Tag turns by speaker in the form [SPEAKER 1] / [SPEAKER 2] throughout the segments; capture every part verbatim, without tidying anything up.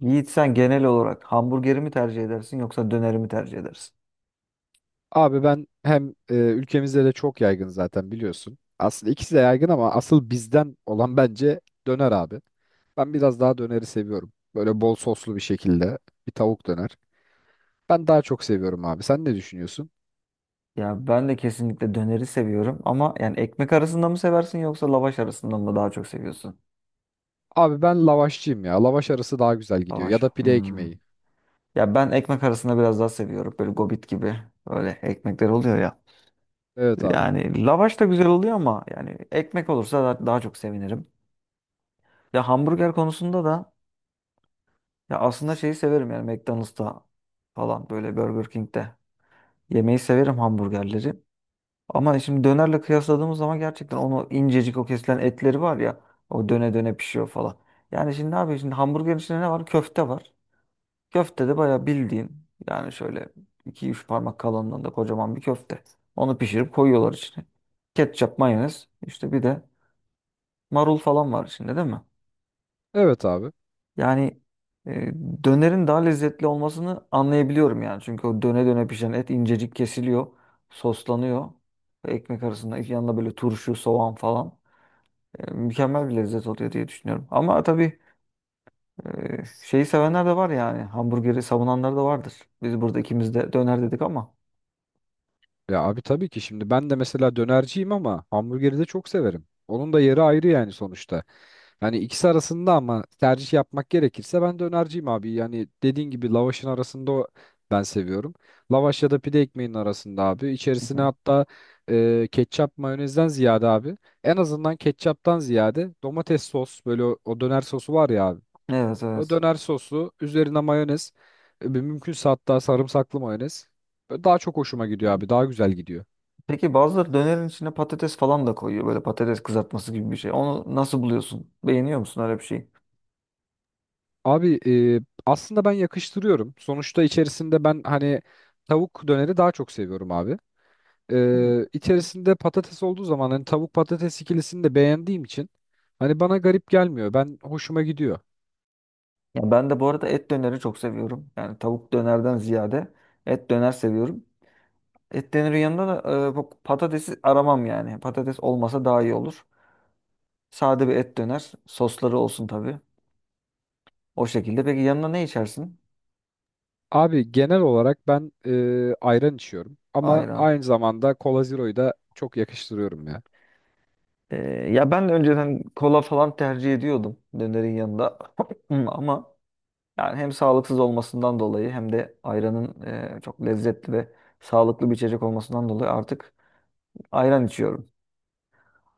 [SPEAKER 1] Yiğit sen genel olarak hamburgeri mi tercih edersin yoksa döneri mi tercih edersin?
[SPEAKER 2] Abi ben hem e, ülkemizde de çok yaygın zaten biliyorsun. Aslında ikisi de yaygın ama asıl bizden olan bence döner abi. Ben biraz daha döneri seviyorum. Böyle bol soslu bir şekilde bir tavuk döner. Ben daha çok seviyorum abi. Sen ne düşünüyorsun?
[SPEAKER 1] Ya ben de kesinlikle döneri seviyorum ama yani ekmek arasında mı seversin yoksa lavaş arasında mı daha çok seviyorsun?
[SPEAKER 2] Abi ben lavaşçıyım ya. Lavaş arası daha güzel gidiyor. Ya
[SPEAKER 1] Lavaş.
[SPEAKER 2] da pide
[SPEAKER 1] Hmm.
[SPEAKER 2] ekmeği.
[SPEAKER 1] Ya ben ekmek arasında biraz daha seviyorum. Böyle gobit gibi öyle ekmekler oluyor ya.
[SPEAKER 2] Evet abi.
[SPEAKER 1] Yani lavaş da güzel oluyor ama yani ekmek olursa da- daha çok sevinirim. Ya hamburger konusunda da ya aslında şeyi severim yani McDonald's'ta falan böyle Burger King'de yemeği severim hamburgerleri. Ama şimdi dönerle kıyasladığımız zaman gerçekten onu incecik o kesilen etleri var ya o döne döne pişiyor falan. Yani şimdi ne yapıyor? Şimdi hamburgerin içinde ne var? Köfte var. Köfte de bayağı bildiğin yani şöyle iki üç parmak kalınlığında kocaman bir köfte. Onu pişirip koyuyorlar içine. Ketçap, mayonez işte bir de marul falan var içinde değil mi?
[SPEAKER 2] Evet abi.
[SPEAKER 1] Yani e, dönerin daha lezzetli olmasını anlayabiliyorum yani. Çünkü o döne döne pişen et incecik kesiliyor, soslanıyor. Ve ekmek arasında yanında böyle turşu, soğan falan. E, mükemmel bir lezzet oluyor diye düşünüyorum. Ama tabii e, şeyi sevenler de var yani. Hamburgeri savunanlar da vardır. Biz burada ikimiz de döner dedik ama.
[SPEAKER 2] Ya abi tabii ki şimdi ben de mesela dönerciyim ama hamburgeri de çok severim. Onun da yeri ayrı yani sonuçta. Hani ikisi arasında ama tercih yapmak gerekirse ben dönerciyim abi. Yani dediğin gibi lavaşın arasında o- ben seviyorum. Lavaş ya da pide ekmeğinin arasında abi.
[SPEAKER 1] Hı
[SPEAKER 2] İçerisine
[SPEAKER 1] hı.
[SPEAKER 2] hatta e, ketçap mayonezden ziyade abi. En azından ketçaptan ziyade domates sos böyle o, o döner sosu var ya abi.
[SPEAKER 1] Evet
[SPEAKER 2] O
[SPEAKER 1] evet.
[SPEAKER 2] döner sosu üzerine mayonez. e, Mümkünse hatta sarımsaklı mayonez. Böyle daha çok hoşuma gidiyor abi. Daha güzel gidiyor.
[SPEAKER 1] Peki bazıları dönerin içine patates falan da koyuyor. Böyle patates kızartması gibi bir şey. Onu nasıl buluyorsun? Beğeniyor musun öyle bir şeyi?
[SPEAKER 2] Abi e, aslında ben yakıştırıyorum. Sonuçta içerisinde ben hani tavuk döneri daha çok seviyorum abi.
[SPEAKER 1] Hı hı.
[SPEAKER 2] E, içerisinde patates olduğu zaman hani tavuk patates ikilisini de beğendiğim için hani bana garip gelmiyor. Ben hoşuma gidiyor.
[SPEAKER 1] Ya ben de bu arada et döneri çok seviyorum. Yani tavuk dönerden ziyade et döner seviyorum. Et döneri yanında da e, bu patatesi aramam yani. Patates olmasa daha iyi olur. Sade bir et döner. Sosları olsun tabii. O şekilde. Peki yanına ne içersin?
[SPEAKER 2] Abi genel olarak ben e, ayran içiyorum ama
[SPEAKER 1] Ayran.
[SPEAKER 2] aynı zamanda Cola Zero'yu da çok yakıştırıyorum ya.
[SPEAKER 1] E, Ya ben de önceden kola falan tercih ediyordum dönerin yanında. Ama yani hem sağlıksız olmasından dolayı hem de ayranın e, çok lezzetli ve sağlıklı bir içecek olmasından dolayı artık ayran içiyorum.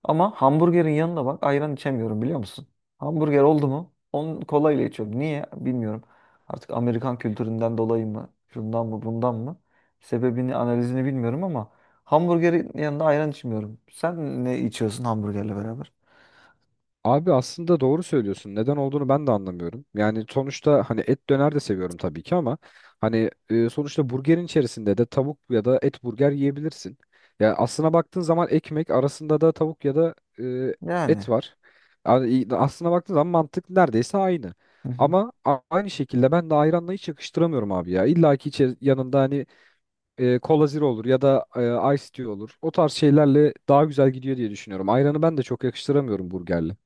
[SPEAKER 1] Ama hamburgerin yanında bak ayran içemiyorum biliyor musun? Hamburger oldu mu? Onu kolayla içiyorum. Niye? Bilmiyorum. Artık Amerikan kültüründen dolayı mı? Şundan mı bundan mı? Sebebini analizini bilmiyorum ama hamburgerin yanında ayran içmiyorum. Sen ne içiyorsun hamburgerle beraber?
[SPEAKER 2] Abi aslında doğru söylüyorsun. Neden olduğunu ben de anlamıyorum. Yani sonuçta hani et döner de seviyorum tabii ki ama hani e, sonuçta burgerin içerisinde de tavuk ya da et burger yiyebilirsin. Ya aslına baktığın zaman ekmek arasında da tavuk ya da e,
[SPEAKER 1] Yani.
[SPEAKER 2] et var. Yani i- aslına baktığın zaman mantık neredeyse aynı.
[SPEAKER 1] Hı hı.
[SPEAKER 2] Ama a- aynı şekilde ben de ayranla hiç yakıştıramıyorum abi ya. İlla ki içe- yanında hani e, kola zero olur ya da e, ice tea olur. O tarz şeylerle daha güzel gidiyor diye düşünüyorum. Ayranı ben de çok yakıştıramıyorum burgerle.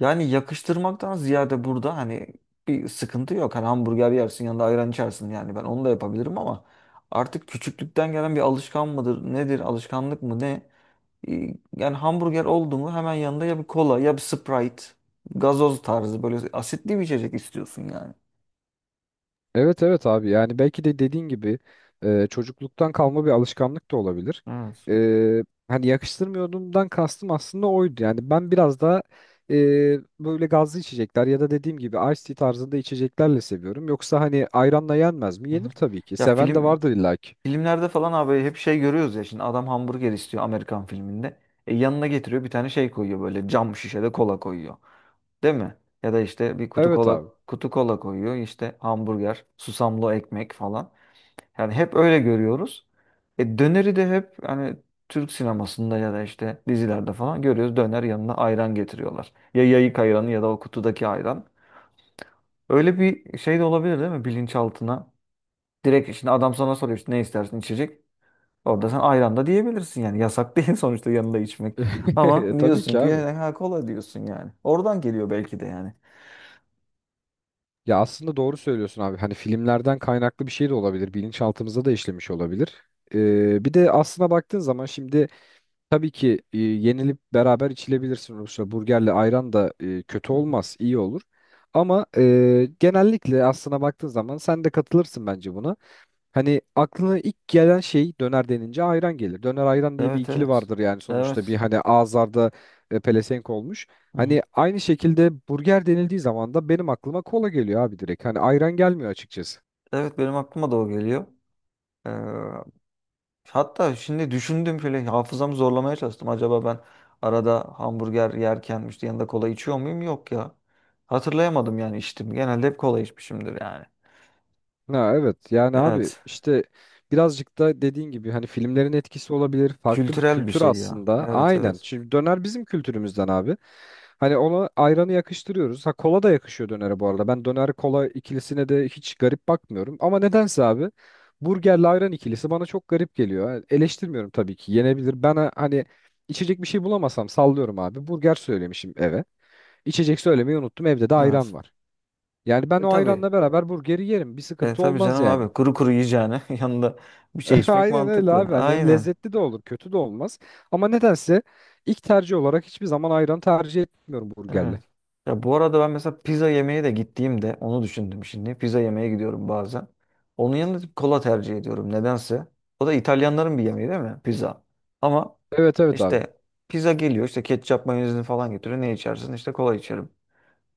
[SPEAKER 1] Yani yakıştırmaktan ziyade burada hani bir sıkıntı yok. Hani hamburger yersin yanında ayran içersin yani ben onu da yapabilirim ama artık küçüklükten gelen bir alışkan mıdır nedir alışkanlık mı ne? e, Yani hamburger oldu mu hemen yanında ya bir kola ya bir Sprite, gazoz tarzı böyle asitli bir içecek istiyorsun yani.
[SPEAKER 2] Evet evet abi, yani belki de dediğin gibi e, çocukluktan kalma bir alışkanlık da olabilir.
[SPEAKER 1] Evet.
[SPEAKER 2] E, Hani yakıştırmıyordumdan kastım aslında oydu. Yani ben biraz daha e, böyle gazlı içecekler ya da dediğim gibi iced tea tarzında içeceklerle seviyorum. Yoksa hani ayranla yenmez mi?
[SPEAKER 1] Hı
[SPEAKER 2] Yenir
[SPEAKER 1] hı.
[SPEAKER 2] tabii ki.
[SPEAKER 1] Ya
[SPEAKER 2] Seven de
[SPEAKER 1] film
[SPEAKER 2] vardır illaki.
[SPEAKER 1] filmlerde falan abi hep şey görüyoruz ya şimdi adam hamburger istiyor Amerikan filminde. E yanına getiriyor bir tane şey koyuyor böyle cam şişede kola koyuyor. Değil mi? Ya da işte bir kutu
[SPEAKER 2] Evet
[SPEAKER 1] kola
[SPEAKER 2] abi.
[SPEAKER 1] kutu kola koyuyor işte hamburger, susamlı ekmek falan. Yani hep öyle görüyoruz. E, döneri de hep hani Türk sinemasında ya da işte dizilerde falan görüyoruz. Döner yanına ayran getiriyorlar. Ya yayık ayranı ya da o kutudaki ayran. Öyle bir şey de olabilir değil mi bilinçaltına? Direkt şimdi adam sana soruyor işte ne istersin içecek. Orada sen ayran da diyebilirsin yani. Yasak değil sonuçta yanında içmek. Ama
[SPEAKER 2] Tabii ki
[SPEAKER 1] diyorsun ki
[SPEAKER 2] abi.
[SPEAKER 1] "Ya, ha, kola" diyorsun yani. Oradan geliyor belki de yani.
[SPEAKER 2] Ya aslında doğru söylüyorsun abi. Hani filmlerden kaynaklı bir şey de olabilir. Bilinçaltımıza da işlemiş olabilir. E, bir de aslına baktığın zaman şimdi tabii ki e, yenilip beraber içilebilirsin Rusya. Burgerle ayran da e, kötü
[SPEAKER 1] Hı hı.
[SPEAKER 2] olmaz, iyi olur. Ama e, genellikle aslına baktığın zaman sen de katılırsın bence buna. Hani aklına ilk gelen şey döner denince ayran gelir. Döner ayran diye bir
[SPEAKER 1] Evet
[SPEAKER 2] ikili
[SPEAKER 1] evet.
[SPEAKER 2] vardır yani sonuçta bir
[SPEAKER 1] Evet.
[SPEAKER 2] hani ağızlarda e, pelesenk olmuş.
[SPEAKER 1] Hı hı.
[SPEAKER 2] Hani aynı şekilde burger denildiği zaman da benim aklıma kola geliyor abi direkt. Hani ayran gelmiyor açıkçası.
[SPEAKER 1] Evet benim aklıma da o geliyor. Ee, Hatta şimdi düşündüm bile hafızamı zorlamaya çalıştım. Acaba ben arada hamburger yerken işte yanında kola içiyor muyum? Yok ya. Hatırlayamadım yani içtim. Genelde hep kola içmişimdir yani.
[SPEAKER 2] Ha, evet yani abi
[SPEAKER 1] Evet.
[SPEAKER 2] işte birazcık da dediğin gibi hani filmlerin etkisi olabilir, farklı bir
[SPEAKER 1] Kültürel bir
[SPEAKER 2] kültür
[SPEAKER 1] şey ya.
[SPEAKER 2] aslında.
[SPEAKER 1] Evet
[SPEAKER 2] Aynen
[SPEAKER 1] evet.
[SPEAKER 2] şimdi döner bizim kültürümüzden abi, hani ona ayranı yakıştırıyoruz. Ha, kola da yakışıyor dönere. Bu arada ben döner kola ikilisine de hiç garip bakmıyorum ama nedense abi burgerle ayran ikilisi bana çok garip geliyor. Ha, eleştirmiyorum tabii ki, yenebilir. Ben ha- hani içecek bir şey bulamasam sallıyorum abi, burger söylemişim eve, içecek söylemeyi unuttum, evde de ayran
[SPEAKER 1] Evet.
[SPEAKER 2] var. Yani ben
[SPEAKER 1] E,
[SPEAKER 2] o
[SPEAKER 1] tabii.
[SPEAKER 2] ayranla beraber burgeri yerim. Bir
[SPEAKER 1] E,
[SPEAKER 2] sıkıntı
[SPEAKER 1] tabii
[SPEAKER 2] olmaz
[SPEAKER 1] canım
[SPEAKER 2] yani.
[SPEAKER 1] abi. Kuru kuru yiyeceğine yanında bir şey içmek
[SPEAKER 2] Aynen öyle
[SPEAKER 1] mantıklı.
[SPEAKER 2] abi. Hani hem
[SPEAKER 1] Aynen.
[SPEAKER 2] lezzetli de olur, kötü de olmaz. Ama nedense ilk tercih olarak hiçbir zaman ayran tercih etmiyorum burgerle.
[SPEAKER 1] Evet. Ya bu arada ben mesela pizza yemeye de gittiğimde onu düşündüm şimdi. Pizza yemeye gidiyorum bazen. Onun yanında kola tercih ediyorum nedense. O da İtalyanların bir yemeği değil mi? Pizza. Ama
[SPEAKER 2] Evet evet abi.
[SPEAKER 1] işte pizza geliyor işte ketçap mayonezini falan getiriyor. Ne içersin? İşte kola içerim.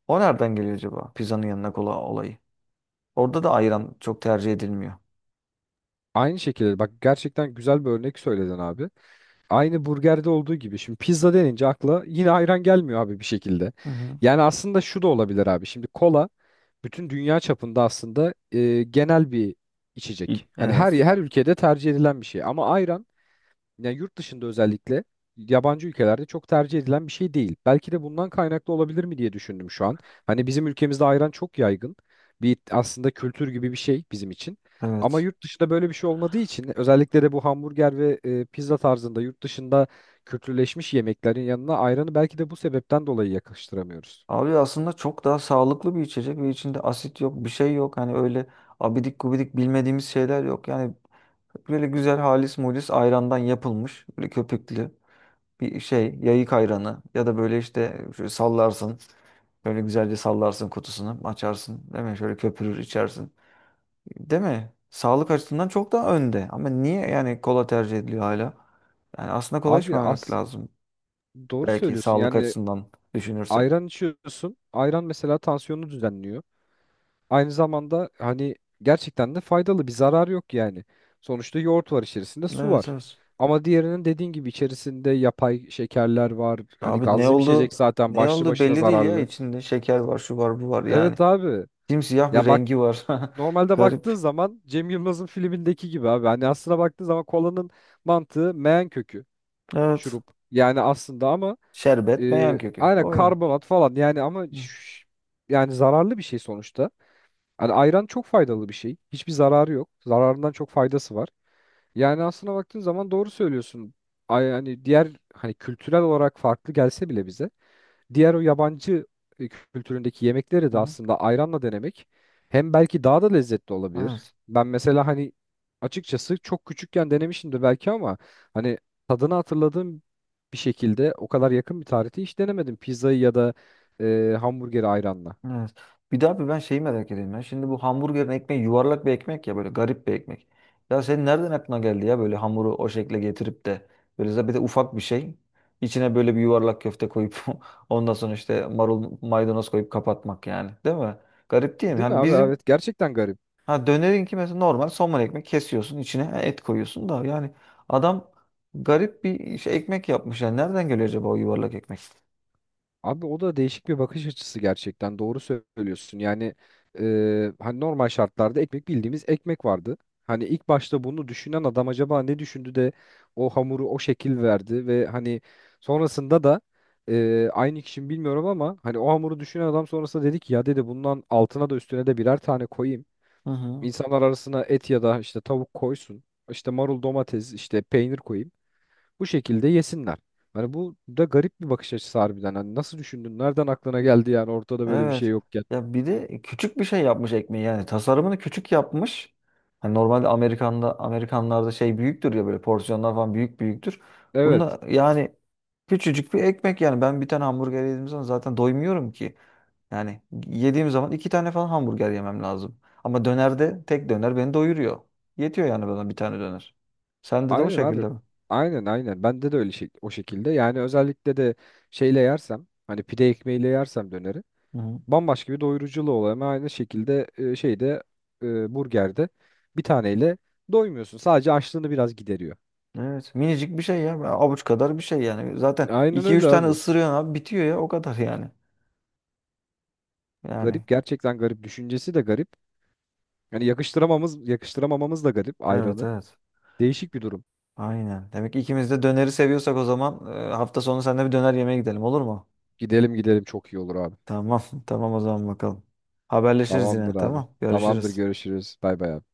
[SPEAKER 1] O nereden geliyor acaba? Pizzanın yanına kola olayı. Orada da ayran çok tercih edilmiyor.
[SPEAKER 2] Aynı şekilde bak, gerçekten güzel bir örnek söyledin abi. Aynı burgerde olduğu gibi şimdi pizza denince akla yine ayran gelmiyor abi bir şekilde.
[SPEAKER 1] Hı hı.
[SPEAKER 2] Yani aslında şu da olabilir abi. Şimdi kola bütün dünya çapında aslında e, genel bir
[SPEAKER 1] İ-
[SPEAKER 2] içecek. Hani her
[SPEAKER 1] Evet.
[SPEAKER 2] her ülkede tercih edilen bir şey, ama ayran yani yurt dışında özellikle yabancı ülkelerde çok tercih edilen bir şey değil. Belki de bundan kaynaklı olabilir mi diye düşündüm şu an. Hani bizim ülkemizde ayran çok yaygın. Bir aslında kültür gibi bir şey bizim için. Ama
[SPEAKER 1] Evet.
[SPEAKER 2] yurt dışında böyle bir şey olmadığı için, özellikle de bu hamburger ve e, pizza tarzında yurt dışında kültürleşmiş yemeklerin yanına ayranı belki de bu sebepten dolayı yakıştıramıyoruz.
[SPEAKER 1] Abi aslında çok daha sağlıklı bir içecek ve içinde asit yok, bir şey yok. Hani öyle abidik gubidik bilmediğimiz şeyler yok. Yani böyle güzel halis mulis ayrandan yapılmış. Böyle köpüklü bir şey. Yayık ayranı. Ya da böyle işte şöyle sallarsın. Böyle güzelce sallarsın kutusunu. Açarsın. Değil mi? Şöyle köpürür içersin. Değil mi? Sağlık açısından çok daha önde. Ama niye yani kola tercih ediliyor hala? Yani aslında kola
[SPEAKER 2] Abi
[SPEAKER 1] içmemek
[SPEAKER 2] az
[SPEAKER 1] lazım.
[SPEAKER 2] doğru
[SPEAKER 1] Belki
[SPEAKER 2] söylüyorsun.
[SPEAKER 1] sağlık
[SPEAKER 2] Yani
[SPEAKER 1] açısından düşünürsek.
[SPEAKER 2] ayran içiyorsun. Ayran mesela tansiyonu düzenliyor. Aynı zamanda hani gerçekten de faydalı, bir zarar yok yani. Sonuçta yoğurt var içerisinde, su
[SPEAKER 1] Evet
[SPEAKER 2] var.
[SPEAKER 1] evet.
[SPEAKER 2] Ama diğerinin dediğin gibi içerisinde yapay şekerler var. Hani
[SPEAKER 1] Abi ne
[SPEAKER 2] gazlı bir içecek
[SPEAKER 1] oldu?
[SPEAKER 2] zaten
[SPEAKER 1] Ne
[SPEAKER 2] başlı
[SPEAKER 1] oldu
[SPEAKER 2] başına
[SPEAKER 1] belli değil ya.
[SPEAKER 2] zararlı.
[SPEAKER 1] İçinde şeker var, şu var, bu var yani.
[SPEAKER 2] Evet abi.
[SPEAKER 1] Simsiyah bir
[SPEAKER 2] Ya bak,
[SPEAKER 1] rengi var.
[SPEAKER 2] normalde baktığın
[SPEAKER 1] Garip.
[SPEAKER 2] zaman Cem Yılmaz'ın filmindeki gibi abi. Hani aslına baktığın zaman kolanın mantığı meyan kökü
[SPEAKER 1] Evet.
[SPEAKER 2] şurup. Yani aslında ama
[SPEAKER 1] Şerbet beyan
[SPEAKER 2] e,
[SPEAKER 1] kökü.
[SPEAKER 2] aynen
[SPEAKER 1] O ya.
[SPEAKER 2] karbonat falan yani ama
[SPEAKER 1] Hı.
[SPEAKER 2] ş- yani zararlı bir şey sonuçta. Hani ayran çok faydalı bir şey. Hiçbir zararı yok. Zararından çok faydası var. Yani aslına baktığın zaman doğru söylüyorsun. Ay, hani diğer hani kültürel olarak farklı gelse bile bize diğer o yabancı e, kültüründeki yemekleri de
[SPEAKER 1] Aha.
[SPEAKER 2] aslında ayranla denemek hem belki daha da lezzetli olabilir.
[SPEAKER 1] Evet.
[SPEAKER 2] Ben mesela hani açıkçası çok küçükken denemişimdir belki ama hani tadını hatırladığım bir şekilde o kadar yakın bir tarihte hiç denemedim pizzayı ya da e, hamburgeri ayranla.
[SPEAKER 1] Evet. Bir daha bir ben şeyi merak ediyorum ya. Şimdi bu hamburgerin ekmeği yuvarlak bir ekmek ya böyle garip bir ekmek. Ya senin nereden aklına geldi ya böyle hamuru o şekle getirip de böyle de bir de ufak bir şey. İçine böyle bir yuvarlak köfte koyup ondan sonra işte marul maydanoz koyup kapatmak yani. Değil mi? Garip değil mi?
[SPEAKER 2] Değil mi
[SPEAKER 1] Yani
[SPEAKER 2] abi?
[SPEAKER 1] bizim
[SPEAKER 2] Evet, gerçekten garip.
[SPEAKER 1] ha dönerinki mesela normal somun ekmek kesiyorsun içine et koyuyorsun da yani adam garip bir şey, ekmek yapmış yani. Nereden geliyor acaba o yuvarlak ekmek?
[SPEAKER 2] Abi o da değişik bir bakış açısı, gerçekten doğru söylüyorsun. Yani e, hani normal şartlarda ekmek bildiğimiz ekmek vardı. Hani ilk başta bunu düşünen adam acaba ne düşündü de o hamuru o şekil verdi ve hani sonrasında da e, aynı kişi mi bilmiyorum ama hani o hamuru düşünen adam sonrasında dedi ki ya, dedi, bundan altına da üstüne de birer tane koyayım.
[SPEAKER 1] Hı hı.
[SPEAKER 2] İnsanlar arasına et ya da işte tavuk koysun. İşte marul domates işte peynir koyayım. Bu şekilde yesinler. Hani bu da garip bir bakış açısı harbiden. Hani nasıl düşündün? Nereden aklına geldi yani ortada böyle bir şey
[SPEAKER 1] Evet.
[SPEAKER 2] yokken?
[SPEAKER 1] Ya bir de küçük bir şey yapmış ekmeği yani tasarımını küçük yapmış. Hani normalde Amerikan'da Amerikanlarda şey büyüktür ya böyle porsiyonlar falan büyük büyüktür.
[SPEAKER 2] Evet.
[SPEAKER 1] Bunda yani küçücük bir ekmek yani ben bir tane hamburger yediğim zaman zaten doymuyorum ki. Yani yediğim zaman iki tane falan hamburger yemem lazım. Ama dönerde tek döner beni doyuruyor. Yetiyor yani bana bir tane döner. Sende de o
[SPEAKER 2] Aynen abi.
[SPEAKER 1] şekilde
[SPEAKER 2] Aynen aynen. Bende de öyle şey, o şekilde. Yani özellikle de şeyle yersem, hani pide ekmeğiyle yersem, döneri
[SPEAKER 1] mi?
[SPEAKER 2] bambaşka bir doyuruculuğu oluyor. Ama aynı şekilde e, şeyde e, burgerde bir taneyle doymuyorsun. Sadece açlığını biraz gideriyor.
[SPEAKER 1] Evet. Minicik bir şey ya. Avuç kadar bir şey yani. Zaten
[SPEAKER 2] Aynen
[SPEAKER 1] iki
[SPEAKER 2] öyle
[SPEAKER 1] üç tane
[SPEAKER 2] abi.
[SPEAKER 1] ısırıyorsun abi bitiyor ya o kadar yani. Yani.
[SPEAKER 2] Garip, gerçekten garip. Düşüncesi de garip. Yani yakıştıramamız yakıştıramamamız da garip
[SPEAKER 1] Evet
[SPEAKER 2] ayranı.
[SPEAKER 1] evet.
[SPEAKER 2] Değişik bir durum.
[SPEAKER 1] Aynen. Demek ki ikimiz de döneri seviyorsak o zaman e, hafta sonu seninle bir döner yemeye gidelim olur mu?
[SPEAKER 2] Gidelim gidelim, çok iyi olur abi.
[SPEAKER 1] Tamam. Tamam o zaman bakalım. Haberleşiriz
[SPEAKER 2] Tamamdır
[SPEAKER 1] yine.
[SPEAKER 2] abi.
[SPEAKER 1] Tamam.
[SPEAKER 2] Tamamdır,
[SPEAKER 1] Görüşürüz.
[SPEAKER 2] görüşürüz. Bay bay abi.